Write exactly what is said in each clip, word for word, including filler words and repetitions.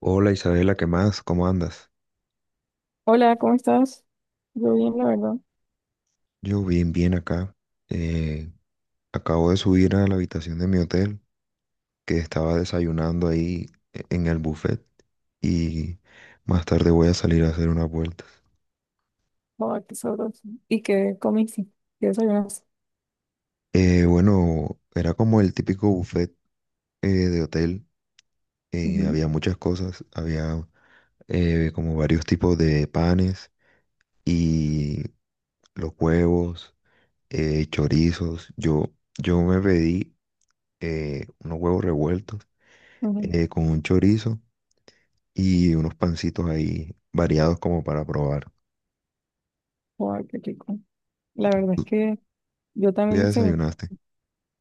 Hola Isabela, ¿qué más? ¿Cómo andas? Hola, ¿cómo estás? Yo bien, la verdad. Yo bien, bien acá. Eh, acabo de subir a la habitación de mi hotel, que estaba desayunando ahí e- en el buffet y más tarde voy a salir a hacer unas vueltas. Joder, qué sabroso. ¿Y qué comiste? ¿Qué desayunaste? Eh, bueno, era como el típico buffet eh, de hotel. eh, Ujú, Había muchas cosas, había eh, como varios tipos de panes y los huevos, eh, chorizos. Yo, yo me pedí eh, unos huevos revueltos ujú. eh, con un chorizo y unos pancitos ahí variados como para probar. Joder, qué rico. La verdad es ¿Tú que yo tú ya también desayuné, desayunaste?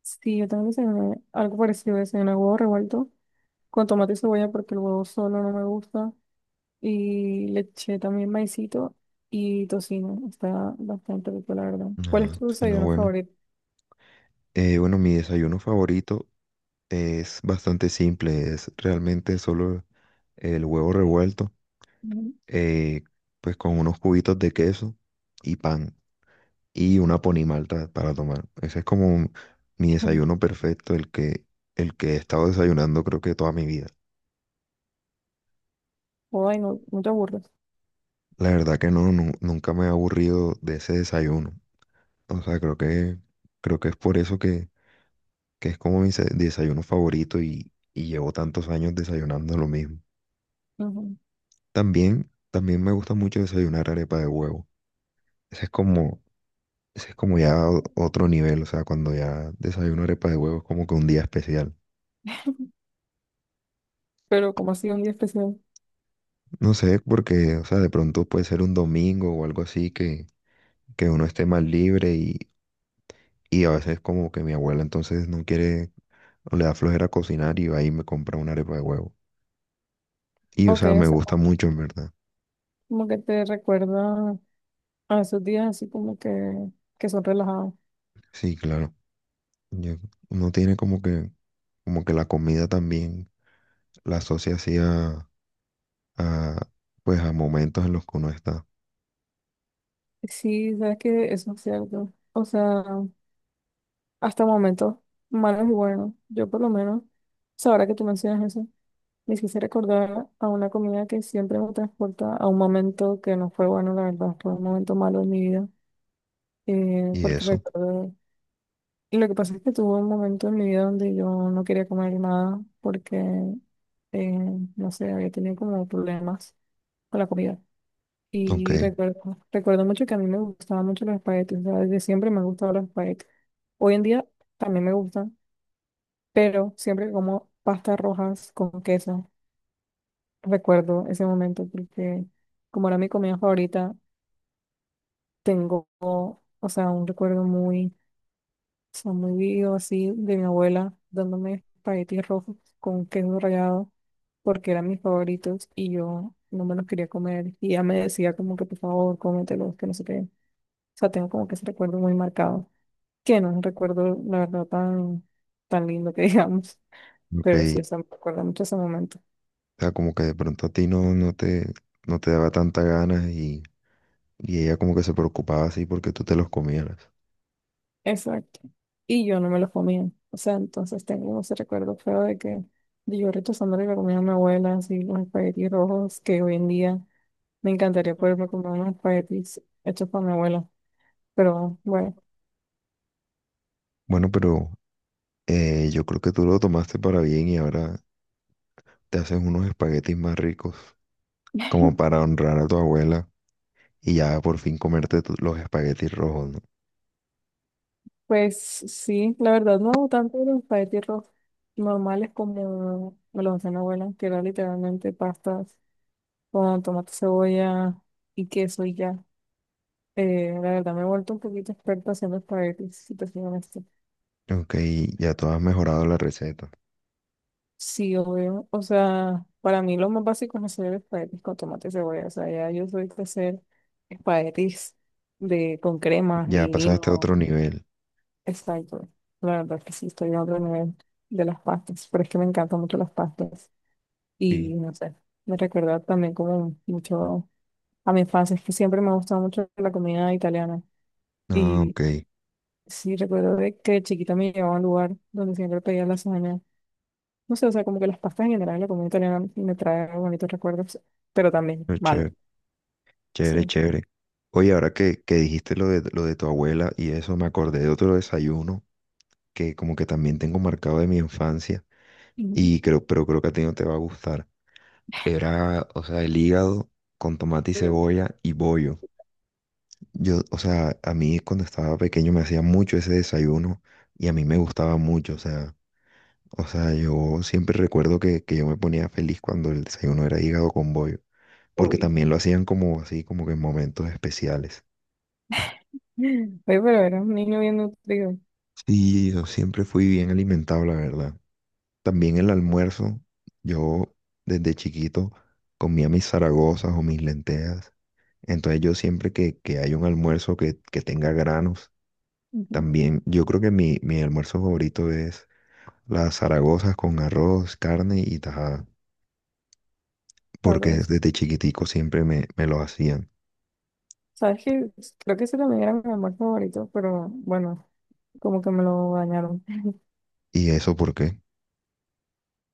sí, yo también desayuné algo parecido, desayuné huevo revuelto con tomate y cebolla porque el huevo solo no me gusta y le eché también maicito y tocino. Está bastante rico, la verdad. ¿Cuál es Ajá, tu suena desayuno bueno. favorito? Eh, bueno, mi desayuno favorito es bastante simple, es realmente solo el huevo revuelto, Ujú. eh, pues con unos cubitos de queso y pan y una ponimalta para tomar. Ese es como un- mi desayuno perfecto, el que, el que he estado desayunando creo que toda mi vida. Joder, no, no te aburres. La verdad que no, nu- nunca me he aburrido de ese desayuno. O sea, creo que, creo que es por eso que, que es como mi se- desayuno favorito y, y llevo tantos años desayunando lo mismo. Ujú. También, también me gusta mucho desayunar arepa de huevo. Ese es como, ese es como ya o- otro nivel, o sea, cuando ya desayuno arepa de huevo es como que un día especial. Pero como ha sido un día especial. No sé, porque, o sea, de pronto puede ser un domingo o algo así que, que uno esté más libre y, y a veces como que mi abuela entonces no quiere o le da flojera cocinar y va y me compra una arepa de huevo. Y, o Ok, sea, o me sea, gusta mucho, en verdad. Como que te recuerda a esos días así como que, que son relajados. Sí, claro. Ya uno tiene como que, como que la comida también la asocia así a, a, pues a momentos en los que uno está. Sí, sabes que eso es cierto. O sea, hasta momentos malos y buenos. Yo por lo menos, o sea, ahora que tú mencionas eso, me quise recordar a una comida que siempre me transporta a un momento que no fue bueno, la verdad, fue un momento malo en mi vida. Eh, Y Porque eso, recuerdo, lo que pasa es que tuve un momento en mi vida donde yo no quería comer nada porque, eh, no sé, había tenido como problemas con la comida. ok, Y recuerdo, recuerdo mucho que a mí me gustaban mucho los espaguetis, o sea, desde siempre me han gustado los espaguetis. Hoy en día también me gustan, pero siempre como pastas rojas con queso. Recuerdo ese momento porque como era mi comida favorita, tengo, o sea, un recuerdo muy, o sea, muy vivo así de mi abuela dándome espaguetis rojos con queso rallado porque eran mis favoritos y yo no me los quería comer y ella me decía como que por favor cómetelos, que no sé qué. O sea, tengo como que ese recuerdo muy marcado, que no es un recuerdo, la verdad, tan, tan lindo que digamos, ok. pero sí, o sea, me recuerda mucho ese momento. O sea, como que de pronto a ti no, no te, no te daba tanta ganas y, y ella como que se preocupaba así porque tú te los comieras. Exacto. Y yo no me lo comía. O sea, entonces tengo como ese recuerdo feo de que de yo rechazándole la comida a mi abuela, así los espaguetis rojos, que hoy en día me encantaría poderme comer unos espaguetis hechos por mi abuela. Pero bueno, Bueno, pero eh, yo creo que tú lo tomaste para bien y ahora te haces unos espaguetis más ricos, como para honrar a tu abuela y ya por fin comerte tu- los espaguetis rojos, ¿no? pues sí, la verdad no hago tanto los espaguetis rojos normales como me los hacía mi abuela, que era literalmente pastas con tomate, cebolla y queso y ya. Eh, la verdad me he vuelto un poquito experta haciendo espaguetis, si te soy honesta. Ok, ya tú has mejorado la receta. Sí, obvio. O sea, para mí lo más básico es hacer espaguetis con tomate y cebolla. O sea, ya yo soy de hacer espaguetis de, con cremas Ya y pasaste a vino. otro nivel. Exacto. La verdad que sí, estoy a otro nivel de las pastas. Pero es que me encantan mucho las pastas. Y Sí. no sé, me recuerda también como mucho a mi infancia. Es que siempre me ha gustado mucho la comida italiana. Ah, y ok. Sí, recuerdo de que de chiquita me llevaba a un lugar donde siempre pedía lasaña. No sé, o sea, como que las pastas en general, la comida italiana me trae bonitos recuerdos, pero también No, malos. chévere, Sí. chévere, Ujú. chévere. Oye, ahora que, que dijiste lo de, lo de tu abuela y eso, me acordé de otro desayuno que como que también tengo marcado de mi infancia y creo, pero creo que a ti no te va a gustar. Era, o sea, el hígado con tomate y Mm. cebolla y bollo. Yo, o sea, a mí cuando estaba pequeño me hacía mucho ese desayuno y a mí me gustaba mucho, o sea. O sea, yo siempre recuerdo que, que yo me ponía feliz cuando el desayuno era hígado con bollo, porque Uy. también lo hacían como así, como que en momentos especiales. Oye, pero era un niño bien nutrido. Sí, yo siempre fui bien alimentado, la verdad. También el almuerzo, yo desde chiquito comía mis zaragozas o mis lentejas. Entonces yo siempre que, que hay un almuerzo que, que tenga granos, Ujú. también yo creo que mi, mi almuerzo favorito es las zaragozas con arroz, carne y tajada. Porque Sabroso. desde chiquitico siempre me, me lo hacían. ¿Sabes qué? Creo que ese también era mi amor favorito, pero bueno, como que me lo dañaron. ¿Y eso por qué?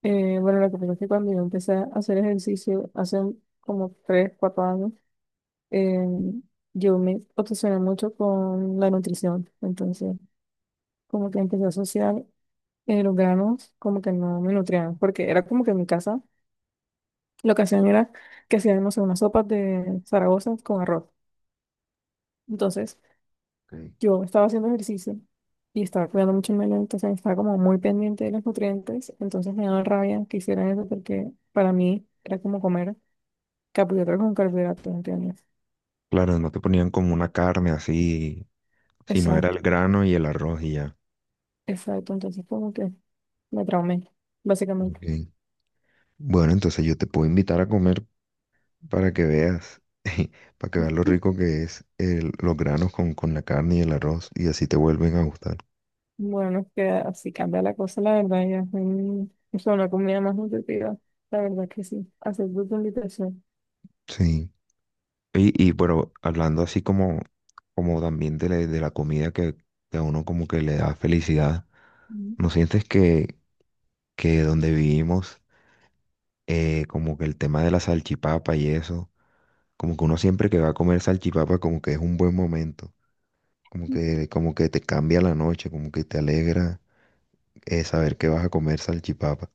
Eh, bueno, lo que pasa es que cuando yo empecé a hacer ejercicio hace como tres cuatro años, eh, yo me obsesioné mucho con la nutrición, entonces como que empecé a asociar eh, los granos como que no me nutrían, porque era como que en mi casa lo que hacían era que hacían, no sé, unas sopas de Zaragoza con arroz. Entonces Ok. yo estaba haciendo ejercicio y estaba cuidando mucho el medio, entonces estaba como muy pendiente de los nutrientes, entonces me daba rabia que hicieran eso porque para mí era como comer carbohidratos con carbohidratos, ¿entiendes? Claro, no te ponían como una carne así, sino era Exacto, el grano y el arroz y ya. exacto, entonces como que me traumé básicamente. Ok. Bueno, entonces yo te puedo invitar a comer para que veas, para que veas lo rico que es el- los granos con, con la carne y el arroz y así te vuelven a gustar. Bueno, no, es que así cambia la cosa, la verdad, ya es un- es una comida más nutritiva. La verdad que sí. Acepto tu invitación. Sí. Y, y pero hablando así como, como también de la, de la comida que, que a uno como que le da felicidad, Mm. ¿no sientes que, que donde vivimos eh, como que el tema de la salchipapa y eso, como que uno siempre que va a comer salchipapa como que es un buen momento, como que, como que te cambia la noche, como que te alegra eh, saber que vas a comer salchipapa.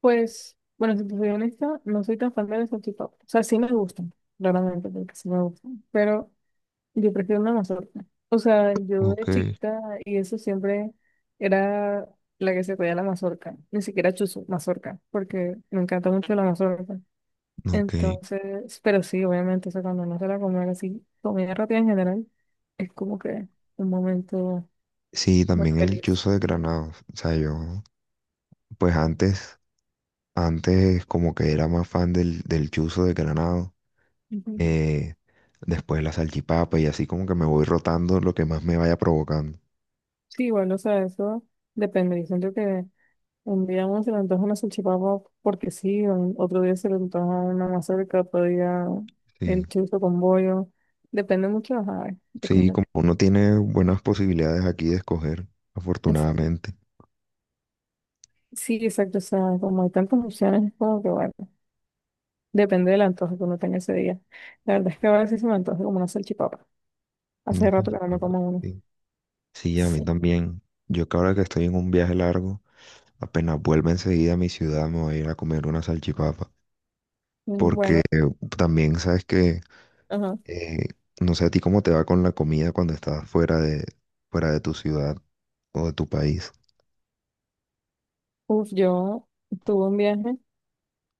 Pues, bueno, si te soy honesta, no soy tan fan de las salchipapas. O sea, sí me gustan, claramente, porque sí me gustan. Pero yo prefiero una mazorca. O sea, yo de Ok, chiquita y eso siempre era la que se pedía la mazorca. Ni siquiera chuzo, mazorca, porque me encanta mucho la mazorca. ok. Entonces, pero sí, obviamente, o sea, cuando uno se la comer así, comida rápida en general, es como que un momento Sí, muy también el feliz. chuzo de granado, o sea, yo pues antes, antes como que era más fan del, del chuzo de granado, Ujú. eh, después la salchipapa y así como que me voy rotando lo que más me vaya provocando. Sí, igual, o sea, eso depende. Yo siento que un día uno se le antoja una salchipapa porque sí, un- otro día se le antoja una mazorca, otro día Sí. el chorizo con bollo. Depende mucho, ajá, de Sí, cómo. como uno tiene buenas posibilidades aquí de escoger, es- afortunadamente. Sí, exacto, o sea, como hay tantas opciones, es como que bueno, depende del antojo que uno tenga ese día. La verdad es que a veces se me antoja como una salchipapa. Hace Ujú. rato que no Ah, me bueno, como uno. sí, sí, a mí Sí. también. Yo que ahora que estoy en un viaje largo, apenas vuelva enseguida a mi ciudad, me voy a ir a comer una salchipapa. Mm. Porque Bueno. eh, también sabes que, Ajá. eh, no sé a ti cómo te va con la comida cuando estás fuera de, fuera de tu ciudad o de tu país. Uf, yo tuve un viaje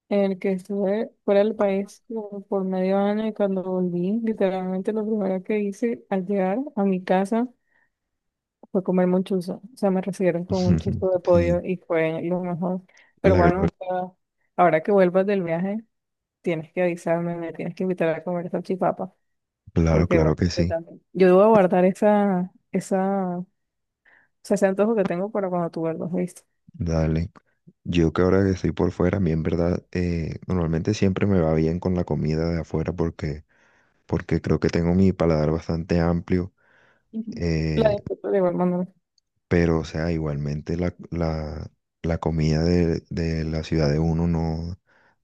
en el que estuve fuera del país como por medio año y cuando volví, literalmente lo primero que hice al llegar a mi casa fue comerme un chuzo. O sea, me recibieron con un chuzo de pollo Sí, y fue lo mejor. Pero la, glo- bueno, o sea, ahora que vuelvas del viaje, tienes que avisarme, me tienes que invitar a comer salchipapa, claro, porque claro bueno, que yo sí. también. Yo debo guardar esa, esa, o sea, ese antojo que tengo para cuando tú vuelvas, ¿viste? Dale. Yo que ahora que estoy por fuera, a mí en verdad eh, normalmente siempre me va bien con la comida de afuera porque, porque creo que tengo mi paladar bastante amplio, Ujú. La eh, disfruto de igual manera. pero o sea, igualmente la, la, la comida de, de la ciudad de uno no,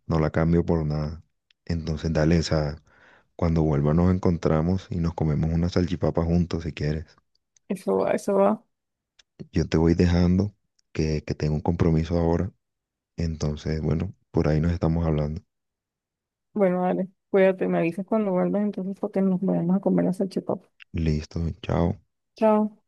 no la cambio por nada. Entonces dale, o sea, cuando vuelva nos encontramos y nos comemos una salchipapa juntos si quieres. Eso va, eso va. Yo te voy dejando que, que tengo un compromiso ahora, entonces bueno, por ahí nos estamos hablando. Bueno, dale, cuídate, me avisas cuando vuelvas entonces porque nos vayamos a comer la salchipapa. Listo, chao. Chao.